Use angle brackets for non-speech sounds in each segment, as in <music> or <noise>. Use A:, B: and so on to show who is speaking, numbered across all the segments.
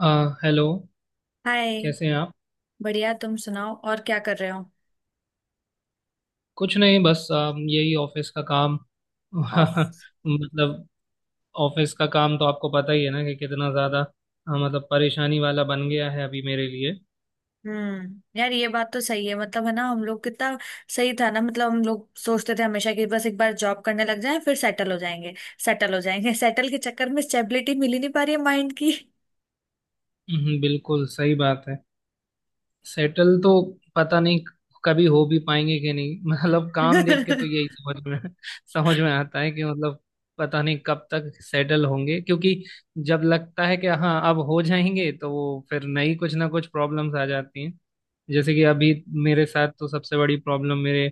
A: अ, hello.
B: Hi.
A: कैसे हैं आप?
B: बढ़िया, तुम सुनाओ, और क्या कर रहे हो।
A: कुछ नहीं, बस यही ऑफिस का काम।
B: ऑफ।
A: <laughs> मतलब ऑफिस का काम तो आपको पता ही है ना कि कितना ज़्यादा मतलब परेशानी वाला बन गया है अभी मेरे लिए।
B: हम्म, यार ये बात तो सही है। मतलब है ना, हम लोग कितना सही था ना। मतलब हम लोग सोचते थे हमेशा कि बस एक बार जॉब करने लग जाए फिर सेटल हो जाएंगे, सेटल हो जाएंगे <laughs> सेटल के चक्कर में स्टेबिलिटी मिल ही नहीं पा रही है माइंड की
A: बिल्कुल सही बात है। सेटल तो पता नहीं कभी हो भी पाएंगे कि नहीं। <laughs> मतलब काम देख के तो यही
B: <laughs>
A: समझ में <laughs> समझ में आता है कि मतलब पता नहीं कब तक सेटल होंगे, क्योंकि जब लगता है कि हाँ अब हो जाएंगे तो वो फिर नई कुछ ना कुछ प्रॉब्लम्स आ जाती हैं। जैसे कि अभी मेरे साथ तो सबसे बड़ी प्रॉब्लम मेरे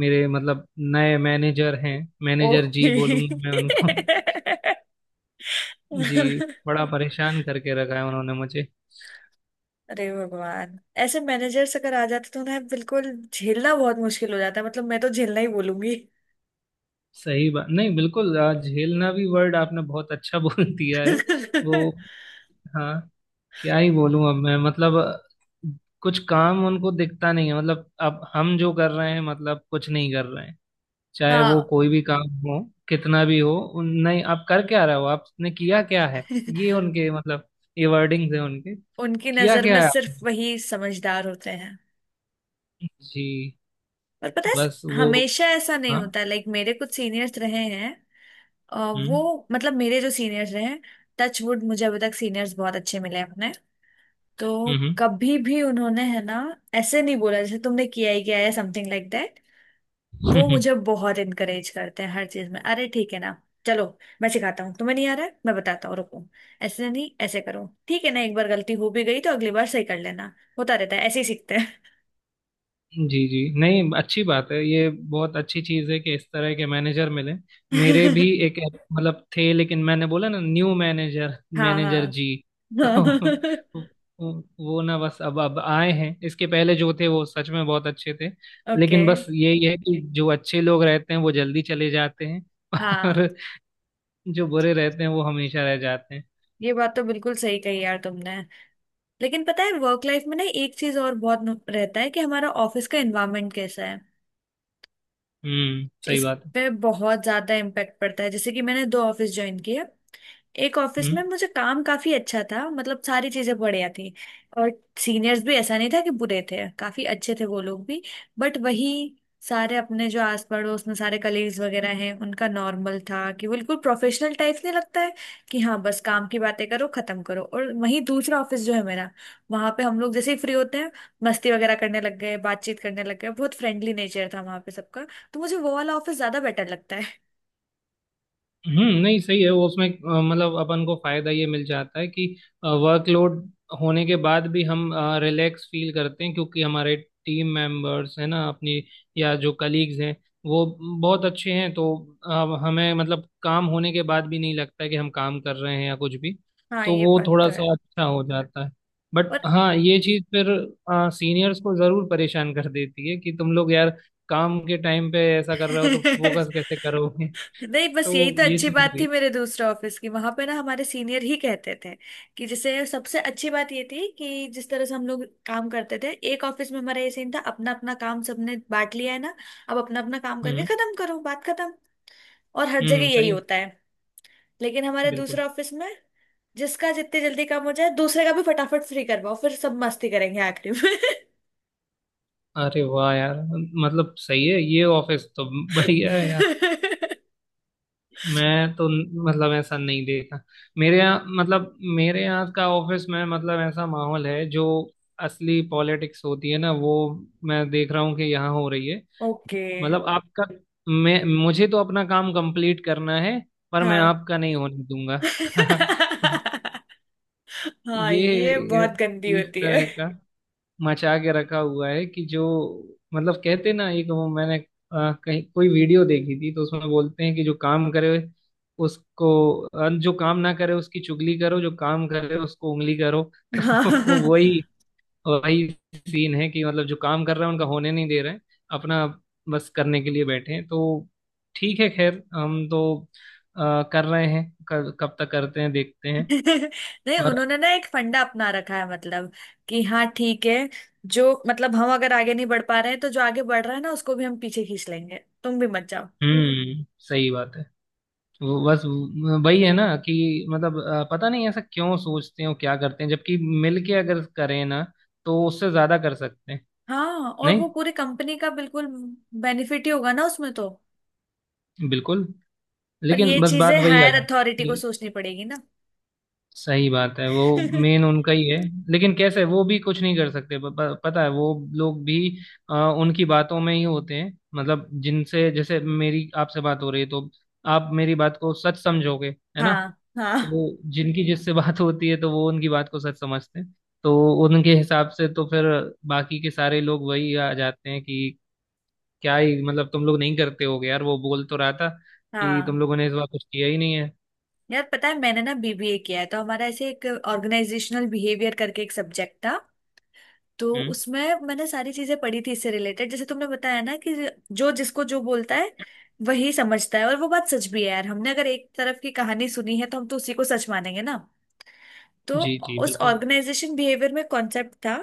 A: मेरे मतलब नए मैनेजर हैं। Manager
B: okay.
A: जी बोलूंगा मैं उनको। <laughs> जी, बड़ा परेशान करके रखा है उन्होंने मुझे।
B: अरे भगवान, ऐसे मैनेजर्स अगर आ जाते तो ना बिल्कुल झेलना बहुत मुश्किल हो जाता है। मतलब मैं तो झेलना ही बोलूंगी
A: सही बात नहीं बिल्कुल, झेलना भी वर्ड आपने बहुत अच्छा <laughs> बोल दिया है। वो
B: <laughs>
A: हाँ, क्या ही बोलूं अब मैं, मतलब कुछ काम उनको दिखता नहीं है। मतलब अब हम जो कर रहे हैं, मतलब कुछ नहीं कर रहे हैं, चाहे वो
B: हाँ
A: कोई भी काम हो, कितना भी हो। नहीं, आप कर क्या रहे हो, आपने किया क्या है?
B: <laughs>
A: ये उनके, मतलब ये वर्डिंग्स है उनके।
B: उनकी
A: किया
B: नजर में
A: क्या है
B: सिर्फ
A: आपने?
B: वही समझदार होते हैं।
A: जी।
B: पर पता
A: बस
B: है,
A: वो
B: हमेशा ऐसा नहीं
A: हाँ,
B: होता। लाइक मेरे कुछ सीनियर्स रहे हैं। अ,
A: हम्म
B: वो मतलब मेरे जो सीनियर्स रहे हैं, टचवुड मुझे अभी तक सीनियर्स बहुत अच्छे मिले हैं अपने। तो
A: हम्म।
B: कभी भी उन्होंने, है ना, ऐसे नहीं बोला जैसे तुमने किया ही किया है, समथिंग लाइक दैट। वो मुझे
A: <laughs>
B: बहुत इनकरेज करते हैं हर चीज में। अरे ठीक है ना, चलो, मैं सिखाता हूँ तुम्हें, नहीं आ रहा है मैं बताता हूँ, रुको, ऐसे नहीं ऐसे करो, ठीक है ना, एक बार गलती हो भी गई तो अगली बार सही कर लेना, होता रहता है ऐसे ही सीखते
A: जी जी। नहीं, अच्छी बात है, ये बहुत अच्छी चीज है कि इस तरह के मैनेजर मिले। मेरे
B: हैं
A: भी
B: <laughs>
A: एक मतलब थे, लेकिन मैंने बोला ना, न्यू मैनेजर,
B: हाँ हाँ
A: मैनेजर जी। <laughs>
B: हाँ <laughs>
A: तो वो ना, बस अब आए हैं। इसके पहले जो थे वो सच में बहुत अच्छे थे,
B: ओके।
A: लेकिन बस यही है कि जो अच्छे लोग रहते हैं वो जल्दी चले जाते हैं <laughs>
B: हाँ
A: और जो बुरे रहते हैं वो हमेशा रह जाते हैं।
B: ये बात तो बिल्कुल सही कही यार तुमने। लेकिन पता है, वर्क लाइफ में ना एक चीज और बहुत रहता है कि हमारा ऑफिस का एनवायरनमेंट कैसा है।
A: हम्म, सही
B: इस
A: बात है।
B: पे बहुत ज्यादा इम्पैक्ट पड़ता है। जैसे कि मैंने दो ऑफिस ज्वाइन किए। एक ऑफिस
A: हम्म
B: में मुझे काम काफी अच्छा था, मतलब सारी चीजें बढ़िया थी। और सीनियर्स भी ऐसा नहीं था कि बुरे थे, काफी अच्छे थे वो लोग भी। बट वही, सारे अपने जो आस पड़ोस में सारे कलीग्स वगैरह हैं, उनका नॉर्मल था कि बिल्कुल प्रोफेशनल टाइप नहीं लगता है कि हाँ बस काम की बातें करो, खत्म करो। और वहीं दूसरा ऑफिस जो है मेरा, वहां पे हम लोग जैसे ही फ्री होते हैं मस्ती वगैरह करने लग गए, बातचीत करने लग गए, बहुत फ्रेंडली नेचर था वहां पे सबका। तो मुझे वो वाला ऑफिस ज्यादा बेटर लगता है।
A: हम्म। नहीं सही है वो, उसमें मतलब अपन को फायदा ये मिल जाता है कि वर्कलोड होने के बाद भी हम रिलैक्स फील करते हैं, क्योंकि हमारे टीम मेंबर्स है ना अपनी, या जो कलीग्स हैं वो बहुत अच्छे हैं। तो हमें मतलब काम होने के बाद भी नहीं लगता है कि हम काम कर रहे हैं या कुछ भी,
B: हाँ
A: तो
B: ये
A: वो
B: बात तो
A: थोड़ा
B: है।
A: सा अच्छा हो जाता है। बट
B: और
A: हाँ, ये चीज़ फिर सीनियर्स को ज़रूर परेशान कर देती है कि तुम लोग यार काम के टाइम पे ऐसा कर रहे हो तो
B: <laughs>
A: फोकस कैसे करोगे।
B: नहीं बस
A: तो
B: यही तो
A: ये
B: अच्छी
A: चीज
B: बात थी
A: भी।
B: मेरे दूसरे ऑफिस की। वहां पे ना हमारे सीनियर ही कहते थे कि, जैसे सबसे अच्छी बात ये थी कि जिस तरह से हम लोग काम करते थे एक ऑफिस में, हमारा ये सीन था, अपना अपना काम सबने बांट लिया है ना, अब अपना अपना काम करके
A: हम्म
B: खत्म करो, बात खत्म। और हर जगह
A: हम्म।
B: यही
A: सही है
B: होता है। लेकिन हमारे
A: बिल्कुल।
B: दूसरे ऑफिस में, जिसका जितने जल्दी काम हो जाए दूसरे का भी फटाफट फ्री करवाओ, फिर सब मस्ती करेंगे आखिरी में
A: अरे वाह यार, मतलब सही है, ये ऑफिस तो बढ़िया है यार।
B: <laughs>
A: मैं तो मतलब ऐसा नहीं देखा। मेरे यहाँ, मतलब मेरे यहाँ का ऑफिस में मतलब ऐसा माहौल है जो, असली पॉलिटिक्स होती है ना वो, मैं देख रहा हूँ कि यहाँ हो रही है।
B: ओके।
A: मतलब आपका, मैं, मुझे तो अपना काम कंप्लीट करना है, पर मैं
B: हाँ
A: आपका नहीं होने दूंगा। <laughs>
B: <laughs> हाँ ये
A: ये,
B: बहुत गंदी
A: इस
B: होती है।
A: तरह का मचा के रखा हुआ है कि जो, मतलब कहते ना, एक वो मैंने कहीं कोई वीडियो देखी थी, तो उसमें बोलते हैं कि जो काम करे उसको, जो काम ना करे उसकी चुगली करो, जो काम करे उसको उंगली करो। <laughs> तो
B: हाँ <laughs>
A: वही वही सीन है कि मतलब जो काम कर रहे हैं उनका होने नहीं दे रहे हैं। अपना बस करने के लिए बैठे हैं। तो ठीक है, खैर हम तो कर रहे हैं, कब कब तक करते हैं देखते हैं।
B: नहीं
A: पर
B: उन्होंने ना एक फंडा अपना रखा है, मतलब कि हाँ ठीक है, जो मतलब हम अगर आगे नहीं बढ़ पा रहे हैं तो जो आगे बढ़ रहा है ना उसको भी हम पीछे खींच लेंगे, तुम भी मत जाओ।
A: हम्म, सही बात है। वो बस वही है ना कि मतलब पता नहीं ऐसा क्यों सोचते हैं और क्या करते हैं, जबकि मिलके अगर करें ना तो उससे ज्यादा कर सकते हैं।
B: हाँ, और
A: नहीं
B: वो पूरी कंपनी का बिल्कुल बेनिफिट ही होगा ना उसमें तो।
A: बिल्कुल।
B: पर ये
A: लेकिन बस बात
B: चीजें
A: वही आ
B: हायर अथॉरिटी
A: जाती है
B: को
A: कि
B: सोचनी पड़ेगी ना
A: सही बात है वो, मेन
B: <laughs>
A: उनका ही है। लेकिन कैसे, वो भी कुछ नहीं कर सकते। प, प, पता है, वो लोग भी अ, उनकी बातों में ही होते हैं। मतलब जिनसे, जैसे मेरी आपसे बात हो रही है तो आप मेरी बात को सच समझोगे है ना।
B: हाँ हाँ
A: तो जिनकी जिससे बात <laughs> होती है तो वो उनकी बात को सच समझते हैं। तो उनके हिसाब से तो फिर बाकी के सारे लोग वही आ जाते हैं कि क्या ही, मतलब तुम लोग नहीं करते होगे, यार वो बोल तो रहा था कि
B: हाँ।
A: तुम लोगों ने इस बार कुछ किया ही नहीं है।
B: यार पता है, मैंने ना बीबीए किया है, तो हमारा ऐसे एक ऑर्गेनाइजेशनल बिहेवियर करके एक सब्जेक्ट था। तो
A: हम्म।
B: उसमें मैंने सारी चीजें पढ़ी थी इससे रिलेटेड। जैसे तुमने बताया ना कि जो जिसको जो बोलता है वही समझता है, और वो बात सच भी है यार। हमने अगर एक तरफ की कहानी सुनी है तो हम तो उसी को सच मानेंगे ना। तो
A: जी जी,
B: उस
A: बिल्कुल
B: ऑर्गेनाइजेशन बिहेवियर में कॉन्सेप्ट था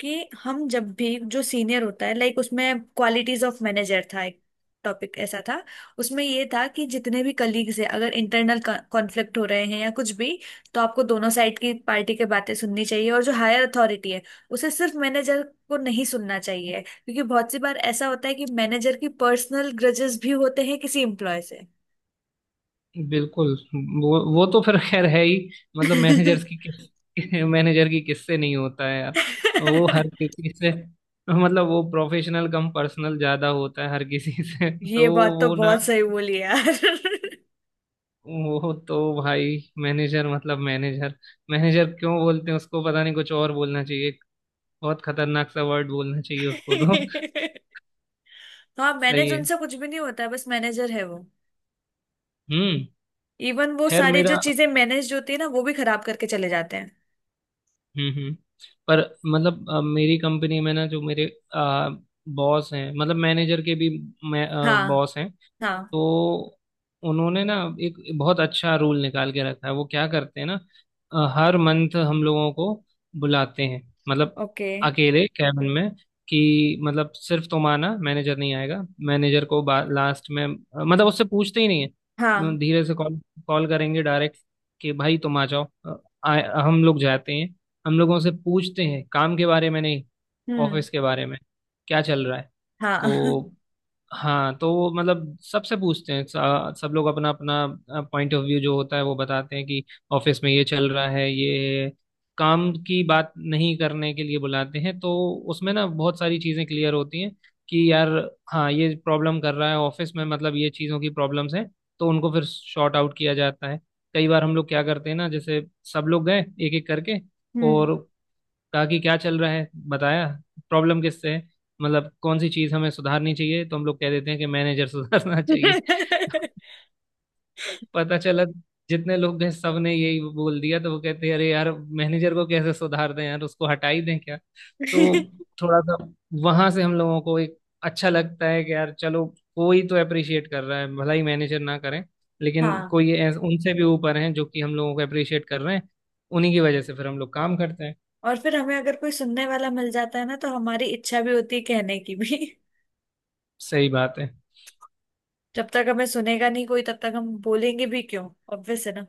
B: कि, हम जब भी, जो सीनियर होता है, लाइक उसमें क्वालिटीज ऑफ मैनेजर था एक टॉपिक ऐसा था, उसमें ये था कि जितने भी कलीग्स हैं अगर इंटरनल कॉन्फ्लिक्ट हो रहे हैं या कुछ भी, तो आपको दोनों साइड की पार्टी की बातें सुननी चाहिए। और जो हायर अथॉरिटी है उसे सिर्फ मैनेजर को नहीं सुनना चाहिए, क्योंकि बहुत सी बार ऐसा होता है कि मैनेजर की पर्सनल ग्रजेस भी होते हैं किसी एम्प्लॉय से
A: बिल्कुल। वो तो फिर खैर है ही। मतलब मैनेजर्स की किस <laughs> मैनेजर की किससे नहीं होता है यार। वो हर
B: <laughs>
A: किसी से, मतलब वो प्रोफेशनल कम पर्सनल ज्यादा होता है हर किसी से। <laughs>
B: ये
A: तो
B: बात तो
A: वो ना,
B: बहुत सही बोली यार <laughs>
A: वो तो भाई, मैनेजर मतलब मैनेजर। मैनेजर क्यों बोलते हैं उसको, पता नहीं, कुछ और बोलना चाहिए। बहुत खतरनाक सा वर्ड बोलना चाहिए उसको तो।
B: <laughs> हाँ,
A: <laughs>
B: मैनेज
A: सही है।
B: उनसे कुछ भी नहीं होता है, बस मैनेजर है वो।
A: हम्म।
B: इवन वो
A: खैर
B: सारी
A: मेरा,
B: जो चीजें मैनेज होती है ना वो भी खराब करके चले जाते हैं।
A: हम्म, पर मतलब मेरी कंपनी में ना, जो मेरे बॉस हैं, मतलब मैनेजर के भी मैं
B: हाँ
A: बॉस हैं,
B: हाँ।
A: तो उन्होंने ना एक बहुत अच्छा रूल निकाल के रखा है। वो क्या करते हैं ना, हर मंथ हम लोगों को बुलाते हैं, मतलब
B: ओके।
A: अकेले कैबिन में, कि मतलब सिर्फ तुम आना, मैनेजर नहीं आएगा। मैनेजर को लास्ट में, मतलब उससे पूछते ही नहीं है।
B: हाँ।
A: धीरे से कॉल कॉल करेंगे डायरेक्ट कि भाई तुम आ जाओ। हम लोग जाते हैं, हम लोगों से पूछते हैं काम के बारे में नहीं,
B: हम्म।
A: ऑफिस के बारे में, क्या चल रहा है।
B: हाँ।
A: तो हाँ, तो वो मतलब सबसे पूछते हैं। सब लोग अपना अपना पॉइंट ऑफ व्यू जो होता है वो बताते हैं कि ऑफिस में ये चल रहा है, ये काम की बात नहीं करने के लिए बुलाते हैं, तो उसमें ना बहुत सारी चीज़ें क्लियर होती हैं कि यार हाँ, ये प्रॉब्लम कर रहा है ऑफिस में, मतलब ये चीज़ों की प्रॉब्लम्स हैं। तो उनको फिर शॉर्ट आउट किया जाता है। कई बार हम लोग क्या करते हैं ना, जैसे सब लोग गए एक एक करके
B: हम्म
A: और कहा कि क्या चल रहा है, बताया प्रॉब्लम किससे है, मतलब कौन सी चीज हमें सुधारनी चाहिए, तो हम लोग कह देते हैं कि मैनेजर सुधारना चाहिए। <laughs>
B: <laughs>
A: पता चला जितने लोग गए सबने यही बोल दिया, तो वो कहते हैं अरे यार मैनेजर को कैसे सुधार दें यार, उसको हटा ही दें क्या? तो थोड़ा सा वहां से हम लोगों को एक अच्छा लगता है कि यार चलो, कोई तो अप्रिशिएट कर रहा है, भला ही मैनेजर ना करें, लेकिन
B: हाँ,
A: कोई उनसे भी ऊपर हैं जो कि हम लोगों को अप्रिशिएट कर रहे हैं, उन्हीं की वजह से फिर हम लोग काम करते हैं।
B: और फिर हमें अगर कोई सुनने वाला मिल जाता है ना तो हमारी इच्छा भी होती है कहने की भी
A: सही बात है।
B: <laughs> जब तक हमें सुनेगा नहीं कोई तब तक हम बोलेंगे भी क्यों, ऑब्वियस है ना।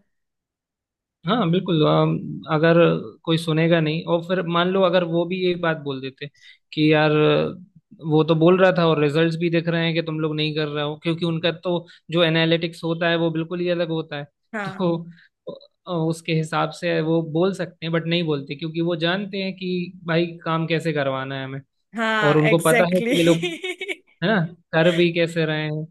A: हाँ बिल्कुल, अगर कोई सुनेगा नहीं और फिर मान लो अगर वो भी यही बात बोल देते कि यार वो तो बोल रहा था और रिजल्ट्स भी दिख रहे हैं कि तुम लोग नहीं कर रहे हो, क्योंकि उनका तो जो एनालिटिक्स होता है वो बिल्कुल ही अलग होता है। <laughs>
B: हाँ
A: तो उसके हिसाब से वो बोल सकते हैं, बट नहीं बोलते, क्योंकि वो जानते हैं कि भाई काम कैसे करवाना है हमें,
B: हाँ,
A: और उनको पता है
B: एग्जैक्टली
A: कि ये लोग, है ना, कर भी कैसे रहे हैं।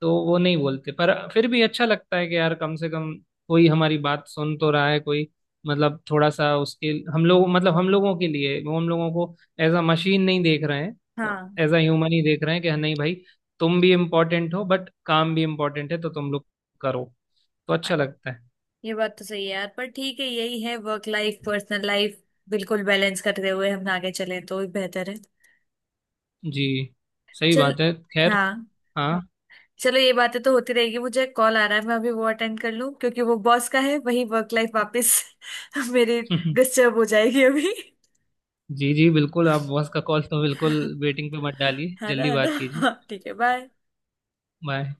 A: तो वो नहीं बोलते, पर फिर भी अच्छा लगता है कि यार कम से कम कोई हमारी बात सुन तो रहा है, कोई मतलब थोड़ा सा उसके, हम लोग मतलब हम लोगों के लिए, वो हम लोगों को एज अ मशीन नहीं देख रहे
B: <laughs>
A: हैं,
B: हाँ
A: एज अ ह्यूमन ही देख रहे हैं कि हाँ, नहीं भाई, तुम भी इम्पोर्टेंट हो बट काम भी इम्पोर्टेंट है, तो तुम लोग करो। तो अच्छा लगता है।
B: ये बात तो सही है यार, पर ठीक है, यही है, वर्क लाइफ पर्सनल लाइफ बिल्कुल बैलेंस करते हुए हम आगे चले तो ही बेहतर है।
A: जी। सही
B: चल।
A: बात है, खैर।
B: हाँ।
A: हाँ।
B: चलो ये बातें तो होती रहेगी, मुझे कॉल आ रहा है, मैं अभी वो अटेंड कर लूँ क्योंकि वो बॉस का है, वही वर्क लाइफ वापस <laughs> मेरी
A: <laughs>
B: डिस्टर्ब हो जाएगी अभी
A: जी जी बिल्कुल, आप बॉस का कॉल तो बिल्कुल
B: <laughs>
A: वेटिंग पे मत डालिए,
B: है ना,
A: जल्दी
B: है ना
A: बात
B: <laughs>
A: कीजिए।
B: हाँ, ठीक है, बाय।
A: बाय।